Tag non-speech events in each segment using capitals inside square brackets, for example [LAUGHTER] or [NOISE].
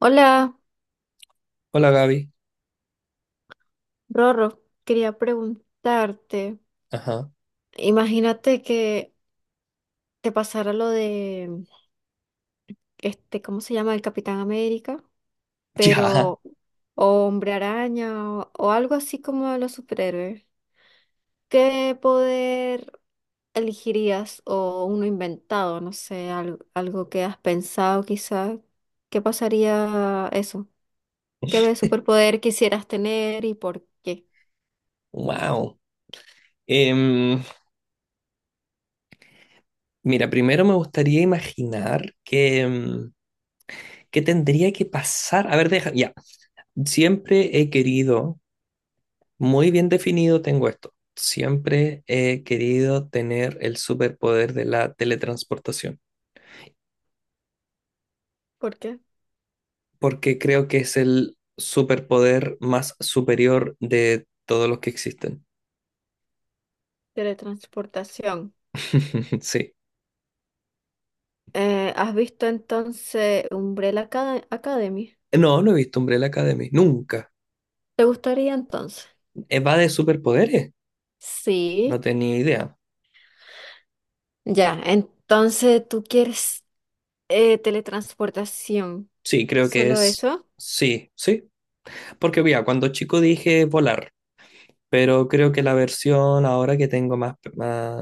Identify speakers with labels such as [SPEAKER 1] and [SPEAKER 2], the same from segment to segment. [SPEAKER 1] Hola,
[SPEAKER 2] Hola, Gaby.
[SPEAKER 1] Rorro. Quería preguntarte,
[SPEAKER 2] Ajá.
[SPEAKER 1] imagínate que te pasara lo de, ¿cómo se llama? El Capitán América,
[SPEAKER 2] [LAUGHS] Ya.
[SPEAKER 1] pero o Hombre Araña o algo así como de los superhéroes. ¿Qué poder elegirías o uno inventado? No sé, algo, algo que has pensado quizá. ¿Qué pasaría eso? ¿Qué superpoder quisieras tener y por qué?
[SPEAKER 2] Wow. Em, Mira, primero me gustaría imaginar que, qué tendría que pasar. A ver, deja. Ya. Siempre he querido, muy bien definido tengo esto. Siempre he querido tener el superpoder de la teletransportación,
[SPEAKER 1] ¿Por qué?
[SPEAKER 2] porque creo que es el superpoder más superior de todos los que existen.
[SPEAKER 1] Teletransportación.
[SPEAKER 2] [LAUGHS] Sí.
[SPEAKER 1] ¿Has visto entonces Academy?
[SPEAKER 2] No, no he visto Umbrella Academy. Nunca.
[SPEAKER 1] ¿Te gustaría entonces?
[SPEAKER 2] Va de superpoderes. No
[SPEAKER 1] Sí.
[SPEAKER 2] tenía idea.
[SPEAKER 1] Ya, entonces tú quieres teletransportación.
[SPEAKER 2] Sí, creo que
[SPEAKER 1] ¿Solo
[SPEAKER 2] es.
[SPEAKER 1] eso?
[SPEAKER 2] Sí, sí. Porque mira, cuando chico dije volar, pero creo que la versión ahora que tengo más,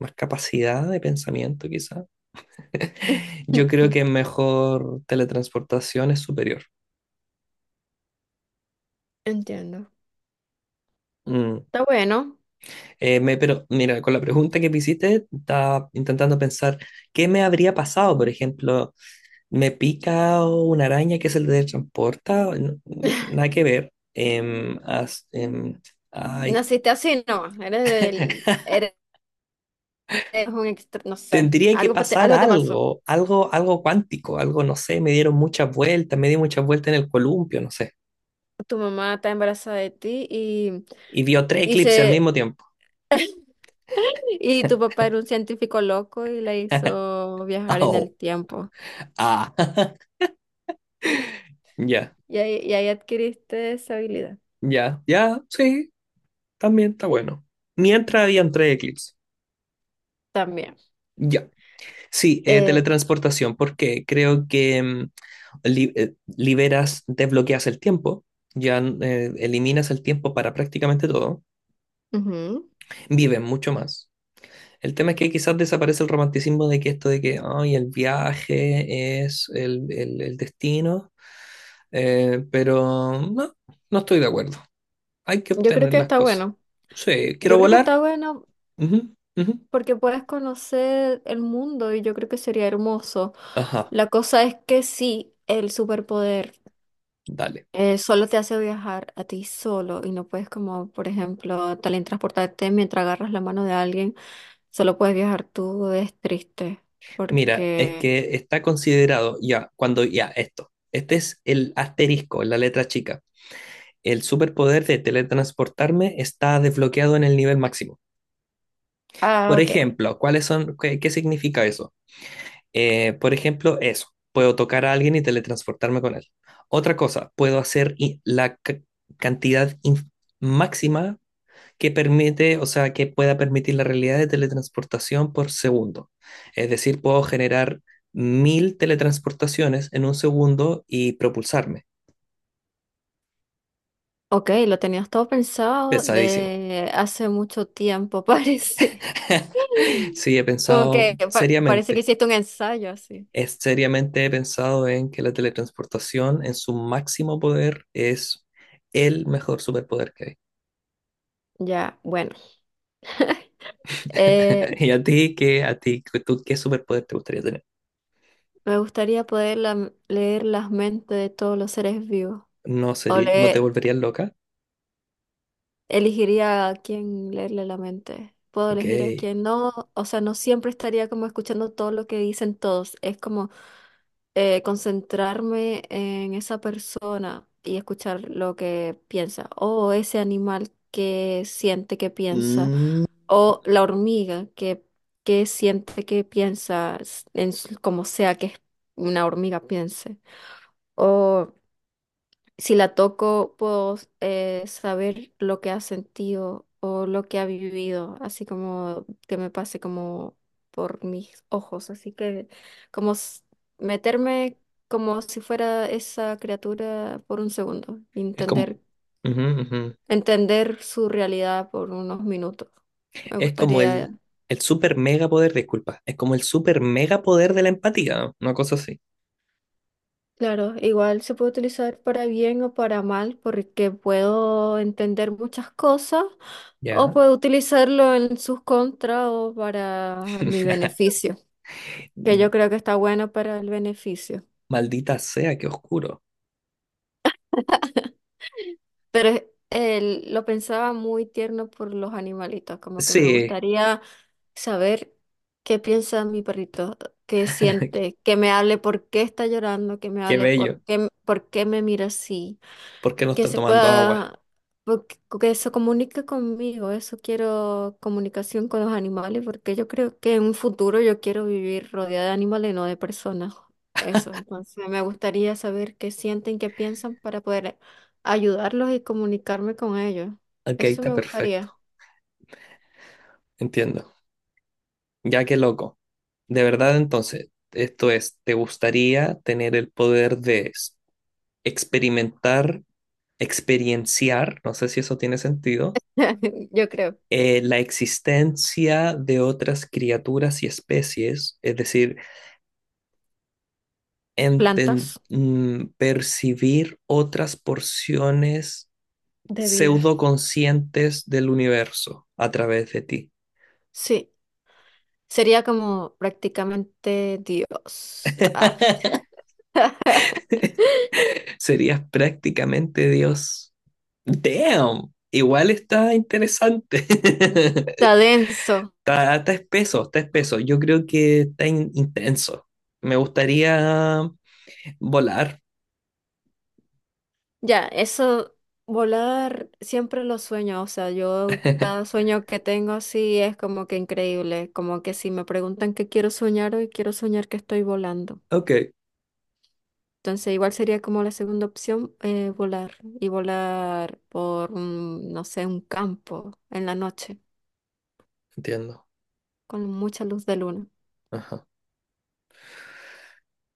[SPEAKER 2] más capacidad de pensamiento, quizá, [LAUGHS] yo creo
[SPEAKER 1] [LAUGHS]
[SPEAKER 2] que mejor teletransportación es superior.
[SPEAKER 1] Entiendo.
[SPEAKER 2] Mm.
[SPEAKER 1] Está bueno.
[SPEAKER 2] Pero mira, con la pregunta que me hiciste, estaba intentando pensar qué me habría pasado. Por ejemplo, me pica una araña que se teletransporta. No, nada que
[SPEAKER 1] [LAUGHS]
[SPEAKER 2] ver. Ay.
[SPEAKER 1] Naciste así, no. Eres
[SPEAKER 2] [LAUGHS]
[SPEAKER 1] eres un extra, no sé.
[SPEAKER 2] Tendría que pasar
[SPEAKER 1] Algo te pasó.
[SPEAKER 2] algo, algo, algo cuántico, algo, no sé, me dieron muchas vueltas, me di muchas vueltas en el columpio, no sé.
[SPEAKER 1] Tu mamá está embarazada de ti
[SPEAKER 2] Y vio tres
[SPEAKER 1] y
[SPEAKER 2] eclipses al
[SPEAKER 1] se
[SPEAKER 2] mismo tiempo.
[SPEAKER 1] [LAUGHS] y tu papá era un científico loco y la
[SPEAKER 2] [LAUGHS]
[SPEAKER 1] hizo viajar en
[SPEAKER 2] Oh,
[SPEAKER 1] el tiempo.
[SPEAKER 2] ah, [LAUGHS] ya,
[SPEAKER 1] Y ahí adquiriste esa habilidad
[SPEAKER 2] ya, sí, también está bueno. Mientras habían tres eclipses.
[SPEAKER 1] también.
[SPEAKER 2] Ya. Sí,
[SPEAKER 1] Eh,
[SPEAKER 2] teletransportación, porque creo que mm, liberas, desbloqueas el tiempo, ya eliminas el tiempo para prácticamente todo,
[SPEAKER 1] ujú.
[SPEAKER 2] vives mucho más. El tema es que quizás desaparece el romanticismo de que esto de que ay, el viaje es el destino, pero no, no estoy de acuerdo. Hay que
[SPEAKER 1] Yo creo
[SPEAKER 2] obtener
[SPEAKER 1] que
[SPEAKER 2] las
[SPEAKER 1] está
[SPEAKER 2] cosas.
[SPEAKER 1] bueno.
[SPEAKER 2] Sí, quiero
[SPEAKER 1] Yo creo que
[SPEAKER 2] volar.
[SPEAKER 1] está bueno
[SPEAKER 2] Ujú, ujú.
[SPEAKER 1] porque puedes conocer el mundo y yo creo que sería hermoso.
[SPEAKER 2] Ajá,
[SPEAKER 1] La cosa es que sí, el superpoder
[SPEAKER 2] dale.
[SPEAKER 1] solo te hace viajar a ti solo y no puedes como, por ejemplo, también transportarte mientras agarras la mano de alguien. Solo puedes viajar tú, es triste
[SPEAKER 2] Mira, es
[SPEAKER 1] porque...
[SPEAKER 2] que está considerado ya, cuando ya, esto. Este es el asterisco, la letra chica. El superpoder de teletransportarme está desbloqueado en el nivel máximo.
[SPEAKER 1] Ah,
[SPEAKER 2] Por
[SPEAKER 1] ok.
[SPEAKER 2] ejemplo, ¿cuáles son, qué significa eso? Por ejemplo, eso. Puedo tocar a alguien y teletransportarme con él. Otra cosa, puedo hacer cantidad máxima que permite, o sea, que pueda permitir la realidad de teletransportación por segundo. Es decir, puedo generar mil teletransportaciones en un segundo y propulsarme.
[SPEAKER 1] Ok, lo tenías todo pensado
[SPEAKER 2] Pesadísimo.
[SPEAKER 1] de hace mucho tiempo, [LAUGHS] parece.
[SPEAKER 2] [LAUGHS] Sí, he
[SPEAKER 1] Como que
[SPEAKER 2] pensado
[SPEAKER 1] parece que
[SPEAKER 2] seriamente.
[SPEAKER 1] hiciste un ensayo así.
[SPEAKER 2] Es seriamente he pensado en que la teletransportación en su máximo poder es el mejor superpoder que hay.
[SPEAKER 1] Ya, bueno. [LAUGHS] Eh,
[SPEAKER 2] [LAUGHS] ¿Y a ti qué, a ti, tú, qué superpoder te gustaría tener?
[SPEAKER 1] Me gustaría poder leer las mentes de todos los seres vivos.
[SPEAKER 2] ¿No
[SPEAKER 1] O
[SPEAKER 2] sería, no te
[SPEAKER 1] leer,
[SPEAKER 2] volverías loca?
[SPEAKER 1] elegiría a quién leerle la mente. Puedo
[SPEAKER 2] Ok.
[SPEAKER 1] elegir a quién no. O sea, no siempre estaría como escuchando todo lo que dicen todos. Es como concentrarme en esa persona y escuchar lo que piensa, o ese animal que siente que piensa,
[SPEAKER 2] Mm.
[SPEAKER 1] o la hormiga que siente que piensa, como sea que una hormiga piense, o si la toco, puedo saber lo que ha sentido o lo que ha vivido, así como que me pase como por mis ojos, así que como s- meterme como si fuera esa criatura por un segundo,
[SPEAKER 2] Es como,
[SPEAKER 1] entender,
[SPEAKER 2] ujú, ujú.
[SPEAKER 1] entender su realidad por unos minutos. Me
[SPEAKER 2] Es como
[SPEAKER 1] gustaría.
[SPEAKER 2] el super mega poder, disculpa, es como el super mega poder de la empatía, ¿no? Una cosa así.
[SPEAKER 1] Claro, igual se puede utilizar para bien o para mal, porque puedo entender muchas cosas o
[SPEAKER 2] Ya.
[SPEAKER 1] puedo utilizarlo en sus contras o para mi
[SPEAKER 2] [LAUGHS]
[SPEAKER 1] beneficio, que yo creo que está bueno para el beneficio.
[SPEAKER 2] Maldita sea, qué oscuro.
[SPEAKER 1] Pero es- lo pensaba muy tierno por los animalitos, como que me
[SPEAKER 2] Sí,
[SPEAKER 1] gustaría saber qué piensa mi perrito, qué
[SPEAKER 2] [LAUGHS]
[SPEAKER 1] siente, que me hable por qué está llorando, que me
[SPEAKER 2] qué
[SPEAKER 1] hable
[SPEAKER 2] bello.
[SPEAKER 1] por qué me mira así.
[SPEAKER 2] ¿Por qué no
[SPEAKER 1] Que
[SPEAKER 2] está
[SPEAKER 1] se
[SPEAKER 2] tomando agua?
[SPEAKER 1] pueda, que se comunique conmigo. Eso quiero, comunicación con los animales, porque yo creo que en un futuro yo quiero vivir rodeada de animales, no de personas. Eso, entonces me gustaría saber qué sienten, qué piensan para poder ayudarlos y comunicarme con ellos.
[SPEAKER 2] Ok,
[SPEAKER 1] Eso
[SPEAKER 2] está
[SPEAKER 1] me
[SPEAKER 2] perfecto.
[SPEAKER 1] gustaría,
[SPEAKER 2] Entiendo. Ya, que loco. De verdad, entonces, esto es, ¿te gustaría tener el poder de experimentar, experienciar, no sé si eso tiene sentido,
[SPEAKER 1] [LAUGHS] yo creo.
[SPEAKER 2] la existencia de otras criaturas y especies, es decir,
[SPEAKER 1] Plantas
[SPEAKER 2] percibir otras porciones
[SPEAKER 1] de vida.
[SPEAKER 2] pseudoconscientes del universo a través de ti?
[SPEAKER 1] Sí, sería como prácticamente Dios. Ah,
[SPEAKER 2] [LAUGHS] Serías prácticamente Dios. Damn, igual está interesante. [LAUGHS]
[SPEAKER 1] está denso.
[SPEAKER 2] Está, está espeso, está espeso. Yo creo que está intenso. Me gustaría volar.
[SPEAKER 1] Ya, eso, volar siempre lo sueño, o sea, yo cada
[SPEAKER 2] [LAUGHS]
[SPEAKER 1] sueño que tengo así es como que increíble, como que si me preguntan qué quiero soñar hoy, quiero soñar que estoy volando.
[SPEAKER 2] Ok,
[SPEAKER 1] Entonces, igual sería como la segunda opción, volar y volar por, un, no sé, un campo en la noche
[SPEAKER 2] entiendo.
[SPEAKER 1] con mucha luz de luna.
[SPEAKER 2] Ajá,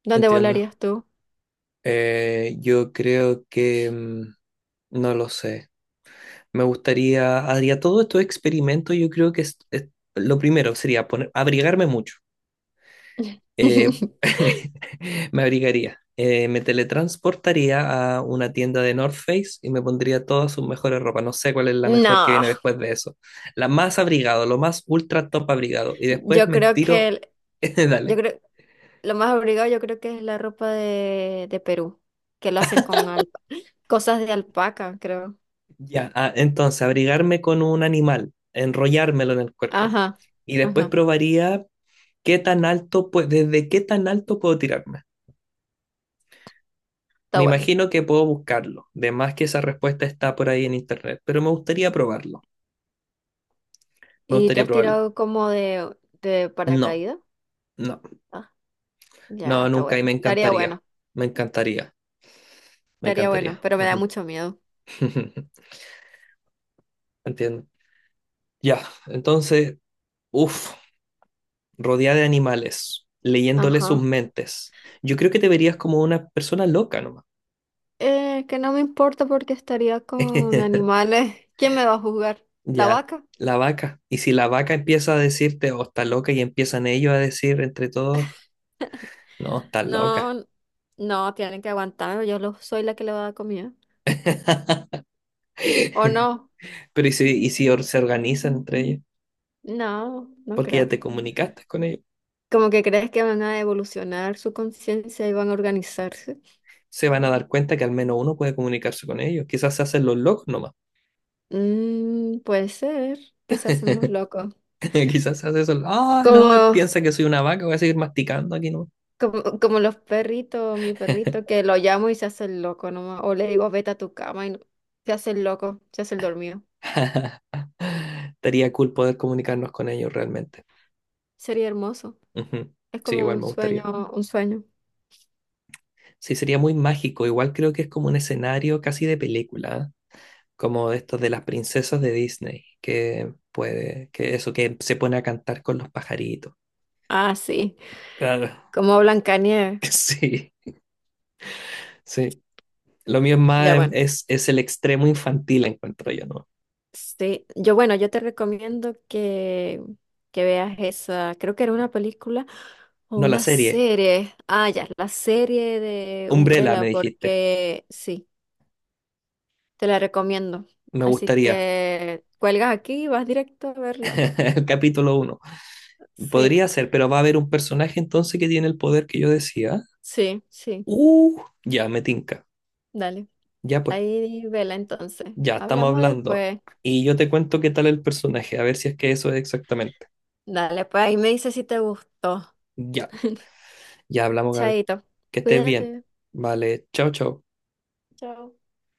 [SPEAKER 1] ¿Dónde
[SPEAKER 2] entiendo.
[SPEAKER 1] volarías tú?
[SPEAKER 2] Yo creo que mm, no lo sé. Me gustaría, haría todo estos experimentos. Yo creo que lo primero sería poner, abrigarme mucho. Eh,
[SPEAKER 1] [LAUGHS]
[SPEAKER 2] [LAUGHS] me abrigaría. Me teletransportaría a una tienda de North Face y me pondría todas sus mejores ropas. No sé cuál es la mejor que
[SPEAKER 1] No,
[SPEAKER 2] viene después de eso. La más abrigado, lo más ultra top abrigado. Y después
[SPEAKER 1] yo
[SPEAKER 2] me
[SPEAKER 1] creo
[SPEAKER 2] tiro.
[SPEAKER 1] que,
[SPEAKER 2] [LAUGHS]
[SPEAKER 1] yo
[SPEAKER 2] Dale.
[SPEAKER 1] creo. Lo más obligado yo creo que es la ropa de Perú, que lo hacen con [GASPS] cosas de alpaca, creo.
[SPEAKER 2] Ya. Ah, entonces, abrigarme con un animal, enrollármelo en el cuerpo.
[SPEAKER 1] Ajá,
[SPEAKER 2] Y después
[SPEAKER 1] ajá,
[SPEAKER 2] probaría qué tan alto, pues, desde qué tan alto puedo tirarme.
[SPEAKER 1] está
[SPEAKER 2] Me
[SPEAKER 1] bueno.
[SPEAKER 2] imagino que puedo buscarlo. De más que esa respuesta está por ahí en internet, pero me gustaría probarlo. Me
[SPEAKER 1] ¿Y te
[SPEAKER 2] gustaría
[SPEAKER 1] has
[SPEAKER 2] probarlo.
[SPEAKER 1] tirado como de
[SPEAKER 2] No,
[SPEAKER 1] paracaídas?
[SPEAKER 2] no,
[SPEAKER 1] Ah, ya,
[SPEAKER 2] no,
[SPEAKER 1] está
[SPEAKER 2] nunca
[SPEAKER 1] bueno.
[SPEAKER 2] y me
[SPEAKER 1] Estaría
[SPEAKER 2] encantaría.
[SPEAKER 1] bueno,
[SPEAKER 2] Me encantaría, me
[SPEAKER 1] estaría bueno,
[SPEAKER 2] encantaría.
[SPEAKER 1] pero me da
[SPEAKER 2] Ujú.
[SPEAKER 1] mucho miedo.
[SPEAKER 2] [LAUGHS] Entiendo. Ya, entonces, uff, rodeada de animales, leyéndole sus
[SPEAKER 1] Ajá.
[SPEAKER 2] mentes. Yo creo que te verías como una persona loca nomás.
[SPEAKER 1] Que no me importa porque estaría con
[SPEAKER 2] [LAUGHS]
[SPEAKER 1] animales. [LAUGHS] ¿Quién me va a juzgar? ¿La
[SPEAKER 2] Ya,
[SPEAKER 1] vaca?
[SPEAKER 2] la vaca. Y si la vaca empieza a decirte, oh, está loca, y empiezan ellos a decir entre todos, no, está loca.
[SPEAKER 1] No, no, tienen que aguantar. Soy la que le va a dar comida.
[SPEAKER 2] [LAUGHS]
[SPEAKER 1] ¿O no?
[SPEAKER 2] Pero y si se organizan entre ellos?
[SPEAKER 1] No, no
[SPEAKER 2] Porque ya
[SPEAKER 1] creo.
[SPEAKER 2] te comunicaste con ellos.
[SPEAKER 1] Como que crees que van a evolucionar su conciencia y van a organizarse.
[SPEAKER 2] Se van a dar cuenta que al menos uno puede comunicarse con ellos. Quizás se hacen los locos nomás.
[SPEAKER 1] Mm, puede ser que se hacen los
[SPEAKER 2] [LAUGHS]
[SPEAKER 1] locos.
[SPEAKER 2] Quizás se hace eso. Ah, no, él
[SPEAKER 1] Como,
[SPEAKER 2] piensa que soy una vaca, voy a seguir masticando aquí, ¿no?
[SPEAKER 1] como, como los perritos, mi
[SPEAKER 2] [LAUGHS]
[SPEAKER 1] perrito, que lo llamo y se hace el loco nomás. O le digo, vete a tu cama y se hace el loco, se hace el dormido.
[SPEAKER 2] Estaría cool poder comunicarnos con ellos realmente.
[SPEAKER 1] Sería hermoso.
[SPEAKER 2] Ujú.
[SPEAKER 1] Es
[SPEAKER 2] Sí,
[SPEAKER 1] como
[SPEAKER 2] igual
[SPEAKER 1] un
[SPEAKER 2] me
[SPEAKER 1] sueño,
[SPEAKER 2] gustaría.
[SPEAKER 1] un sueño.
[SPEAKER 2] Sí, sería muy mágico. Igual creo que es como un escenario casi de película, ¿eh? Como de estos de las princesas de Disney, que puede, que eso, que se pone a cantar con los pajaritos.
[SPEAKER 1] Ah, sí.
[SPEAKER 2] Claro.
[SPEAKER 1] Como Blancanieves.
[SPEAKER 2] [LAUGHS] Sí, sí. Lo mío es
[SPEAKER 1] Ya,
[SPEAKER 2] más,
[SPEAKER 1] bueno.
[SPEAKER 2] es el extremo infantil, encuentro yo, ¿no?
[SPEAKER 1] Sí, yo bueno, yo te recomiendo que veas esa, creo que era una película o
[SPEAKER 2] No, la
[SPEAKER 1] una
[SPEAKER 2] serie.
[SPEAKER 1] serie. Ah, ya, la serie de
[SPEAKER 2] Umbrella,
[SPEAKER 1] Umbrella,
[SPEAKER 2] me dijiste.
[SPEAKER 1] porque sí, te la recomiendo.
[SPEAKER 2] Me
[SPEAKER 1] Así
[SPEAKER 2] gustaría.
[SPEAKER 1] que cuelgas aquí y vas directo a verla.
[SPEAKER 2] [LAUGHS] El capítulo uno.
[SPEAKER 1] Sí,
[SPEAKER 2] Podría ser, pero va a haber un personaje entonces que tiene el poder que yo decía.
[SPEAKER 1] sí, sí,
[SPEAKER 2] Ya, me tinca.
[SPEAKER 1] dale.
[SPEAKER 2] Ya pues,
[SPEAKER 1] Ahí vela entonces.
[SPEAKER 2] ya estamos
[SPEAKER 1] Hablamos
[SPEAKER 2] hablando.
[SPEAKER 1] después.
[SPEAKER 2] Y yo te cuento qué tal el personaje, a ver si es que eso es exactamente.
[SPEAKER 1] Dale, pues ahí me dices si te gustó.
[SPEAKER 2] Ya, ya hablamos, Gaby.
[SPEAKER 1] Chaito,
[SPEAKER 2] Que estés bien.
[SPEAKER 1] cuídate.
[SPEAKER 2] Vale, chao, chao.
[SPEAKER 1] Chao.